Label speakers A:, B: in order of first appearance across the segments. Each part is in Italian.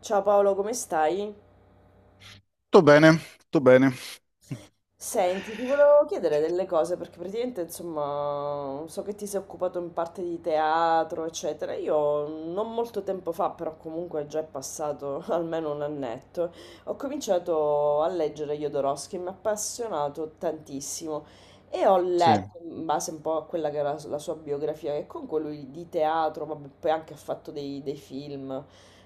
A: Ciao Paolo, come stai?
B: Tutto bene, tutto bene.
A: Senti, ti volevo chiedere delle cose perché praticamente, insomma, so che ti sei occupato in parte di teatro, eccetera. Io non molto tempo fa, però comunque già è passato almeno un annetto, ho cominciato a leggere Jodorowsky, mi ha appassionato tantissimo e ho
B: Sì,
A: letto, in base un po' a quella che era la sua biografia, che comunque lui di teatro, vabbè, poi anche ha fatto dei film,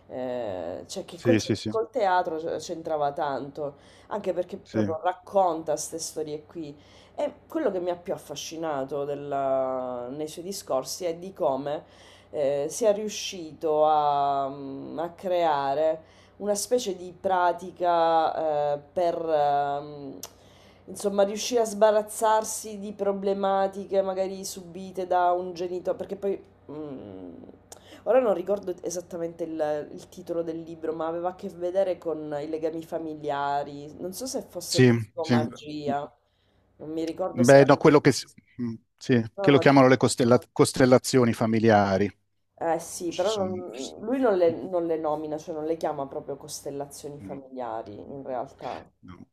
A: eh, cioè che col,
B: sì, sì, sì,
A: col teatro c'entrava tanto. Anche perché
B: sì,
A: proprio racconta queste storie qui. E quello che mi ha più affascinato nei suoi discorsi è di come sia riuscito a creare una specie di pratica per insomma riuscire a sbarazzarsi di problematiche magari subite da un genitore, perché poi. Mm. Ora non ricordo esattamente il titolo del libro, ma aveva a che vedere con i legami familiari. Non so se fosse
B: sì, sì.
A: psicomagia, non mi ricordo se
B: Beh,
A: era...
B: no, quello che, sì,
A: No,
B: che lo
A: no, ti-
B: chiamano le costellazioni familiari.
A: eh sì,
B: Ci
A: però
B: sono.
A: lui non
B: Mm,
A: non le nomina, cioè non le chiama proprio costellazioni
B: mm.
A: familiari, in realtà.
B: No,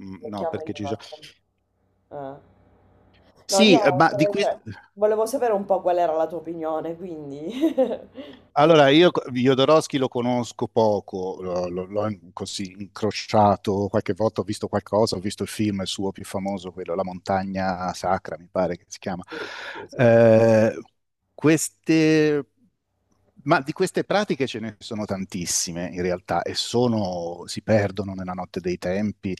B: mm,
A: Le
B: no,
A: chiama in
B: perché
A: un
B: ci sono.
A: altro... eh. No,
B: Sì, ma di
A: niente,
B: questo.
A: cioè, volevo sapere un po' qual era la tua opinione, quindi...
B: Allora, io Jodorowsky lo conosco poco, così incrociato qualche volta, ho visto qualcosa, ho visto il film suo più famoso, quello La montagna sacra, mi pare che si chiama.
A: Sì, sì, sì.
B: Eh, queste, ma di queste pratiche ce ne sono tantissime in realtà e si perdono nella notte dei tempi.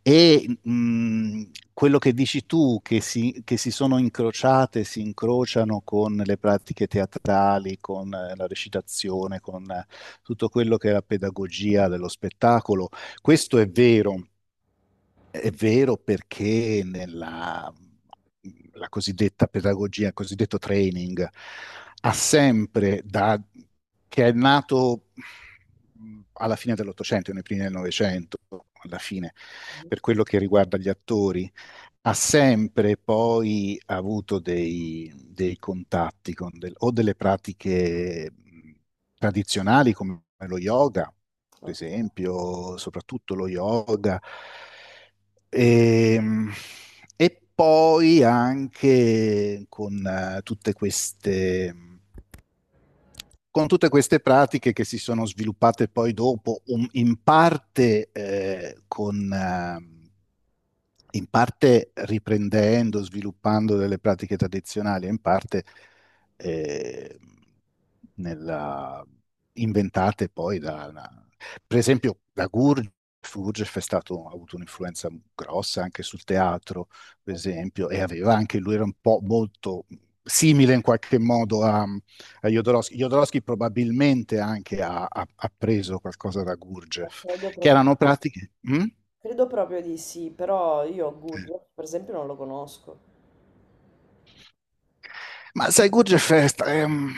B: E quello che dici tu, che si sono incrociate, si incrociano con le pratiche teatrali, con la recitazione, con tutto quello che è la pedagogia dello spettacolo, questo è vero. È vero perché nella la cosiddetta pedagogia, il cosiddetto training, ha sempre da che è nato alla fine dell'Ottocento, nei primi del Novecento, alla fine, per quello che riguarda gli attori, ha sempre poi avuto dei contatti con o delle pratiche tradizionali come lo yoga per
A: Ok,
B: esempio, soprattutto lo yoga. E, e poi anche con tutte queste con tutte queste pratiche che si sono sviluppate poi dopo, in parte, in parte riprendendo, sviluppando delle pratiche tradizionali, e in parte eh, nella- inventate poi per esempio, da Gurdjieff. Gurdjieff ha avuto un'influenza grossa anche sul teatro, per
A: ok,
B: esempio, e aveva anche lui era un po' molto simile in qualche modo a Jodorowsky. Jodorowsky probabilmente anche ha preso qualcosa da Gurdjieff,
A: credo
B: che
A: proprio,
B: erano pratiche. Mm?
A: credo proprio di sì, però io
B: Eh.
A: Gurdjieff per esempio non lo conosco.
B: Ma sai, Gurdjieff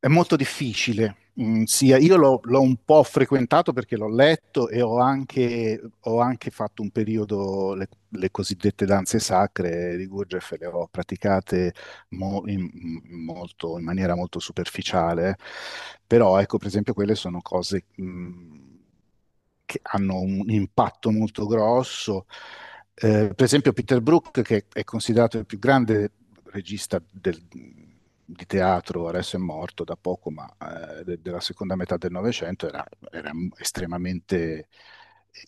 B: è molto difficile. Io l'ho un po' frequentato perché l'ho letto e ho anche fatto un periodo, le cosiddette danze sacre di Gurdjieff, le ho praticate mo- in, in maniera molto superficiale, però ecco, per esempio, quelle sono cose che hanno un impatto molto grosso. Per esempio, Peter Brook, che è considerato il più grande regista di teatro, adesso è morto da poco, ma della seconda metà del Novecento, era estremamente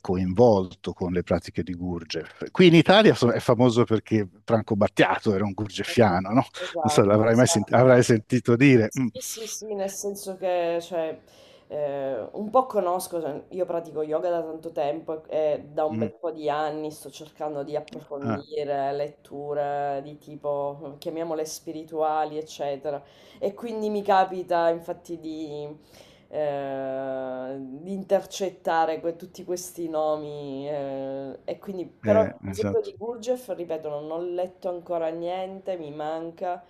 B: coinvolto con le pratiche di Gurgev. Qui in Italia è famoso perché Franco Battiato era un
A: Ok,
B: gurgefiano, non so,
A: esatto,
B: l'avrai mai
A: esatto.
B: avrai sentito dire. Mm,
A: Sì, sì, sì, nel senso che cioè, un po' conosco, cioè, io pratico yoga da tanto tempo e da un
B: mm,
A: bel po' di anni sto cercando di
B: ah,
A: approfondire letture di tipo, chiamiamole spirituali, eccetera. E quindi mi capita infatti di intercettare tutti questi nomi. E quindi, però, per esempio,
B: esatto.
A: di Gurdjieff, ripeto, non ho letto ancora niente, mi manca.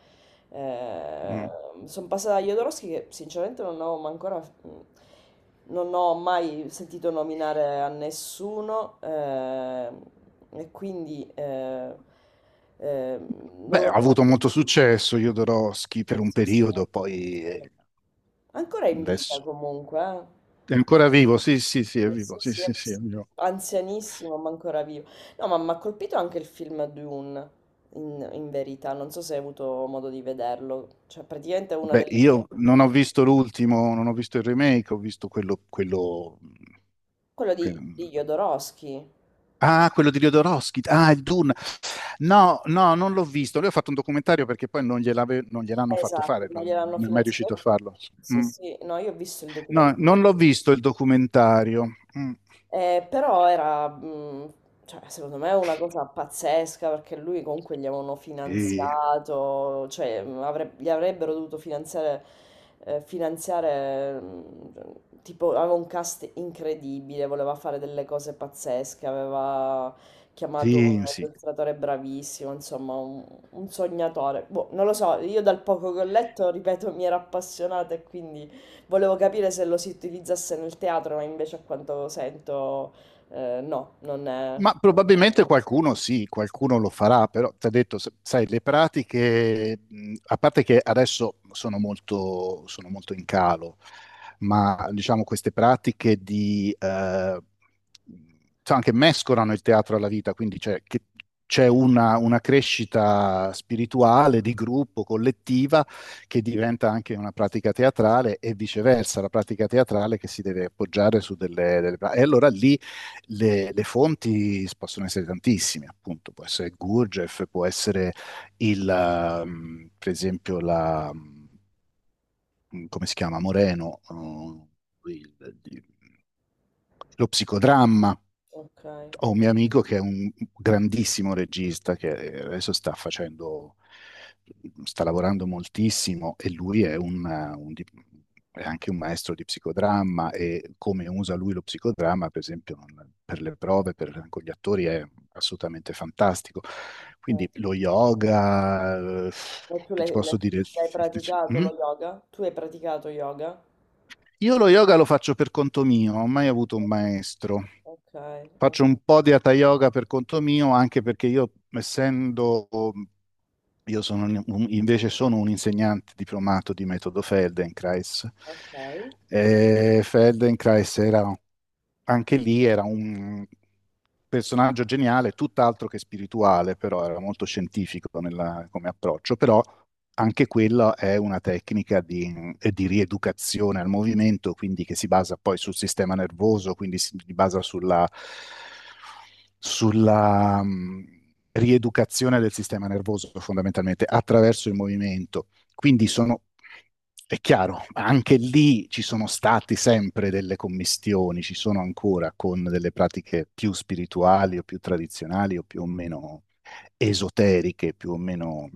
B: Mm.
A: Sono passata da Jodorowsky che sinceramente non ho ma ancora... mm, non ho mai sentito nominare a nessuno e quindi non
B: Beh, ha
A: lo so.
B: avuto molto successo Jodorowsky per un
A: Sì, sì,
B: periodo, poi
A: sì. Ancora in vita
B: adesso
A: comunque, eh.
B: è ancora vivo. Sì, sì, sì, è
A: Sì,
B: vivo.
A: sì,
B: Sì,
A: sì,
B: sì, sì, è vivo.
A: anzianissimo, ma ancora vivo. No, ma mi ha colpito anche il film Dune, in verità. Non so se hai avuto modo di vederlo. Cioè, praticamente è una
B: Beh,
A: delle...
B: io non ho visto l'ultimo, non ho visto il remake, ho visto quello,
A: Quello di
B: quello-
A: Jodorowsky.
B: ah, quello di Jodorowsky. Ah, il Dune. No, no, non l'ho visto. Lui ha fatto un documentario perché poi non gliel'hanno fatto
A: Esatto,
B: fare,
A: ma gliel'hanno
B: non è mai riuscito a
A: finanziato.
B: farlo.
A: Sì,
B: Mm.
A: sì, no, io ho visto il
B: No,
A: documentario.
B: non l'ho visto il documentario. Mm.
A: Però era, cioè, secondo me, una cosa pazzesca perché lui comunque gli avevano
B: E-
A: finanziato, cioè gli avrebbero dovuto finanziare, eh, finanziare, mh, tipo, aveva un cast incredibile, voleva fare delle cose pazzesche, aveva chiamato
B: sì,
A: un
B: sì.
A: illustratore bravissimo, insomma, un sognatore. Boh, non lo so, io dal poco che ho letto, ripeto, mi era appassionata e quindi... Volevo capire se lo si utilizzasse nel teatro, ma invece a quanto sento, no, non è...
B: Ma probabilmente qualcuno sì, qualcuno lo farà, però ti ho detto, sai, le pratiche, a parte che adesso sono molto, in calo, ma diciamo queste pratiche sai, anche mescolano il teatro alla vita, quindi c'è una crescita spirituale di gruppo, collettiva, che diventa anche una pratica teatrale e viceversa, la pratica teatrale che si deve appoggiare su E allora lì le fonti possono essere tantissime, appunto, può essere Gurdjieff, può essere per esempio, come si chiama, Moreno, lo psicodramma,
A: Ok.
B: ho un mio amico che è un grandissimo regista che adesso sta lavorando moltissimo e lui un di- è anche un maestro di psicodramma e come usa lui lo psicodramma, per esempio, per le prove, con gli attori è assolutamente fantastico. Quindi
A: Ok.
B: lo yoga,
A: Ma tu
B: che ti posso dire?
A: l'hai praticato
B: Mm?
A: lo yoga? Tu hai praticato yoga?
B: Io lo yoga lo faccio per conto mio, non ho mai avuto un maestro.
A: Ok,
B: Faccio un po' di hatha yoga per conto mio, anche perché io invece sono un insegnante diplomato di metodo Feldenkrais.
A: ok,
B: Feldenkrais era anche lì, era un personaggio geniale, tutt'altro che spirituale, però era molto scientifico come approccio, però anche quella è una tecnica di rieducazione al movimento, quindi che si basa poi sul sistema nervoso, quindi si basa sulla rieducazione del sistema nervoso fondamentalmente attraverso il movimento. Quindi è chiaro, anche lì ci sono stati sempre delle commistioni, ci sono ancora con delle pratiche più spirituali o più tradizionali o più o meno esoteriche, più o meno.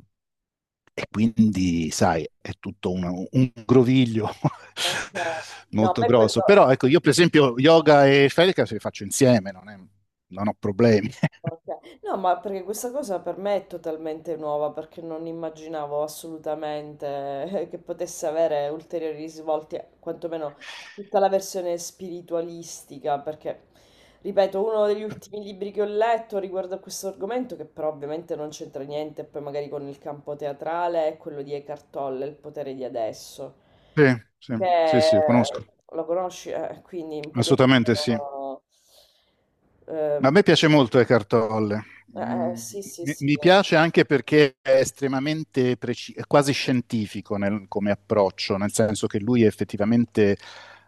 B: E quindi, sai, è tutto un groviglio
A: ok. No, a
B: molto
A: me
B: grosso.
A: quello...
B: Però, ecco, io per esempio yoga e felica se li faccio insieme, non ho problemi.
A: Ok. No, ma perché questa cosa per me è totalmente nuova, perché non immaginavo assolutamente che potesse avere ulteriori risvolti, quantomeno tutta la versione spiritualistica, perché, ripeto, uno degli ultimi libri che ho letto riguardo a questo argomento, che però ovviamente non c'entra niente, poi magari con il campo teatrale, è quello di Eckhart Tolle, Il potere di adesso,
B: Sì, sì, sì,
A: che
B: sì, conosco.
A: lo conosci, quindi un
B: Assolutamente sì.
A: pochettino... eh,
B: Ma a me piace molto Eckhart Tolle.
A: eh,
B: Mm,
A: sì, sì,
B: Mi
A: sì,
B: mi piace anche perché è estremamente preciso, quasi scientifico come approccio, nel senso che lui effettivamente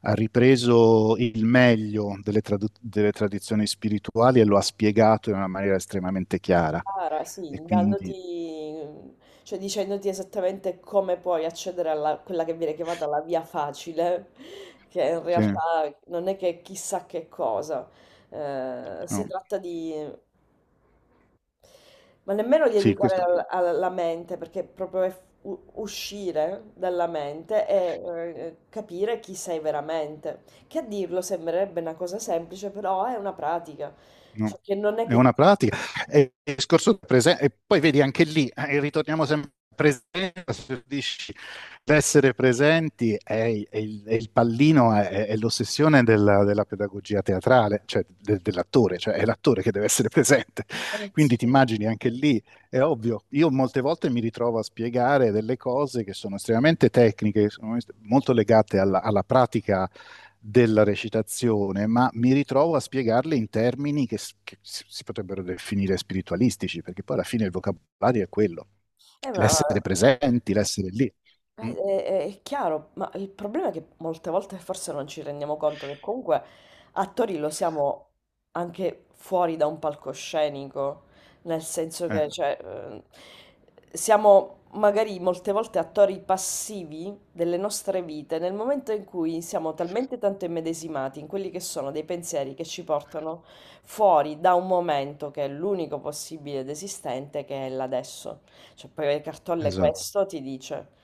B: ha ripreso il meglio delle tradizioni spirituali e lo ha spiegato in una maniera estremamente chiara.
A: cara, sì,
B: E quindi,
A: dandoti, cioè dicendoti esattamente come puoi accedere a quella che viene chiamata la via facile, che in
B: sì,
A: realtà non è che chissà che cosa. Si
B: no,
A: tratta di, ma nemmeno di
B: sì,
A: educare
B: questo.
A: alla mente, perché proprio è uscire dalla mente e capire chi sei veramente. Che a dirlo sembrerebbe una cosa semplice, però è una pratica. Cioè
B: No,
A: che non è
B: è
A: che ti...
B: una pratica. E poi vedi anche lì, ritorniamo sempre alla presenza, se dici, l'essere presenti è il pallino, è l'ossessione della pedagogia teatrale, cioè dell'attore, cioè è l'attore che deve essere presente. Quindi
A: sì.
B: ti immagini anche lì, è ovvio, io molte volte mi ritrovo a spiegare delle cose che sono estremamente tecniche, che sono molto legate alla pratica della recitazione, ma mi ritrovo a spiegarle in termini che si potrebbero definire spiritualistici, perché poi alla fine il vocabolario è quello,
A: Eh, ma
B: l'essere presenti, l'essere lì.
A: eh,
B: Mm.
A: eh, è chiaro, ma il problema è che molte volte forse non ci rendiamo conto che comunque attori lo siamo anche fuori da un palcoscenico, nel senso
B: Eh,
A: che cioè, siamo magari molte volte attori passivi delle nostre vite nel momento in cui siamo talmente tanto immedesimati in quelli che sono dei pensieri che ci portano fuori da un momento che è l'unico possibile ed esistente, che è l'adesso. Cioè, poi le Cartolle
B: esatto,
A: questo ti dice.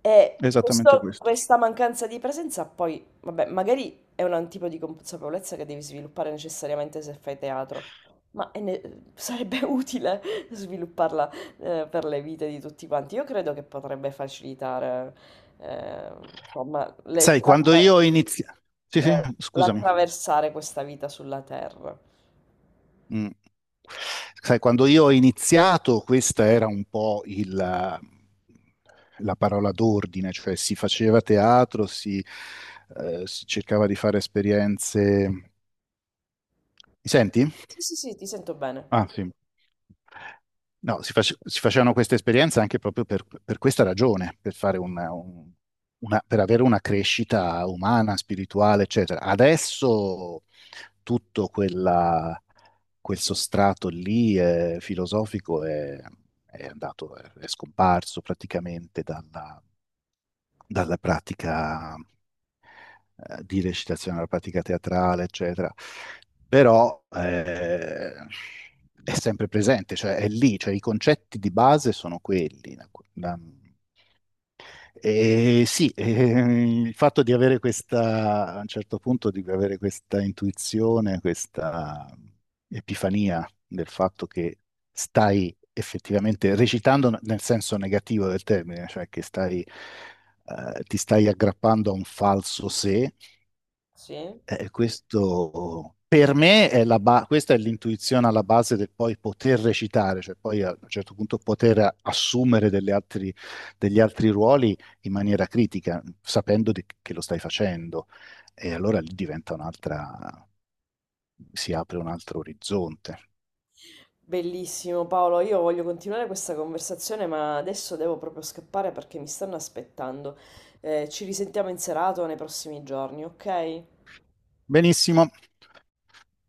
A: E
B: esattamente questo.
A: questa mancanza di presenza poi, vabbè, magari è un tipo di consapevolezza che devi sviluppare necessariamente se fai teatro, ma sarebbe utile svilupparla per le vite di tutti quanti. Io credo che potrebbe facilitare, eh, insomma,
B: Sai, quando io ho iniziato. Sì, sì,
A: eh,
B: scusami.
A: l'attraversare questa vita sulla Terra.
B: Mm. Sai, quando io ho iniziato, questa era un po' la parola d'ordine, cioè si faceva teatro, si cercava di fare esperienze. Mi senti?
A: Sì, sì, sì, ti sento
B: Ah,
A: bene.
B: sì. No, si facevano queste esperienze anche proprio per questa ragione, per fare per avere una crescita umana, spirituale, eccetera. Adesso tutto quel sostrato lì filosofico è andato, è scomparso praticamente dalla pratica di recitazione, dalla pratica teatrale, eccetera. Però è sempre presente, cioè è lì, cioè i concetti di base sono quelli. da- e sì, il fatto di avere questa, a un certo punto, di avere questa intuizione, questa epifania del fatto che stai effettivamente recitando nel senso negativo del termine, cioè che ti stai aggrappando a un falso sé,
A: Sì?
B: questo per me è la questa è l'intuizione alla base del poi poter recitare, cioè poi a un certo punto poter assumere delle degli altri ruoli in maniera critica, sapendo che lo stai facendo. E allora lì si apre un altro orizzonte.
A: Bellissimo Paolo, io voglio continuare questa conversazione, ma adesso devo proprio scappare perché mi stanno aspettando. Ci risentiamo in serata o nei prossimi giorni, ok?
B: Benissimo.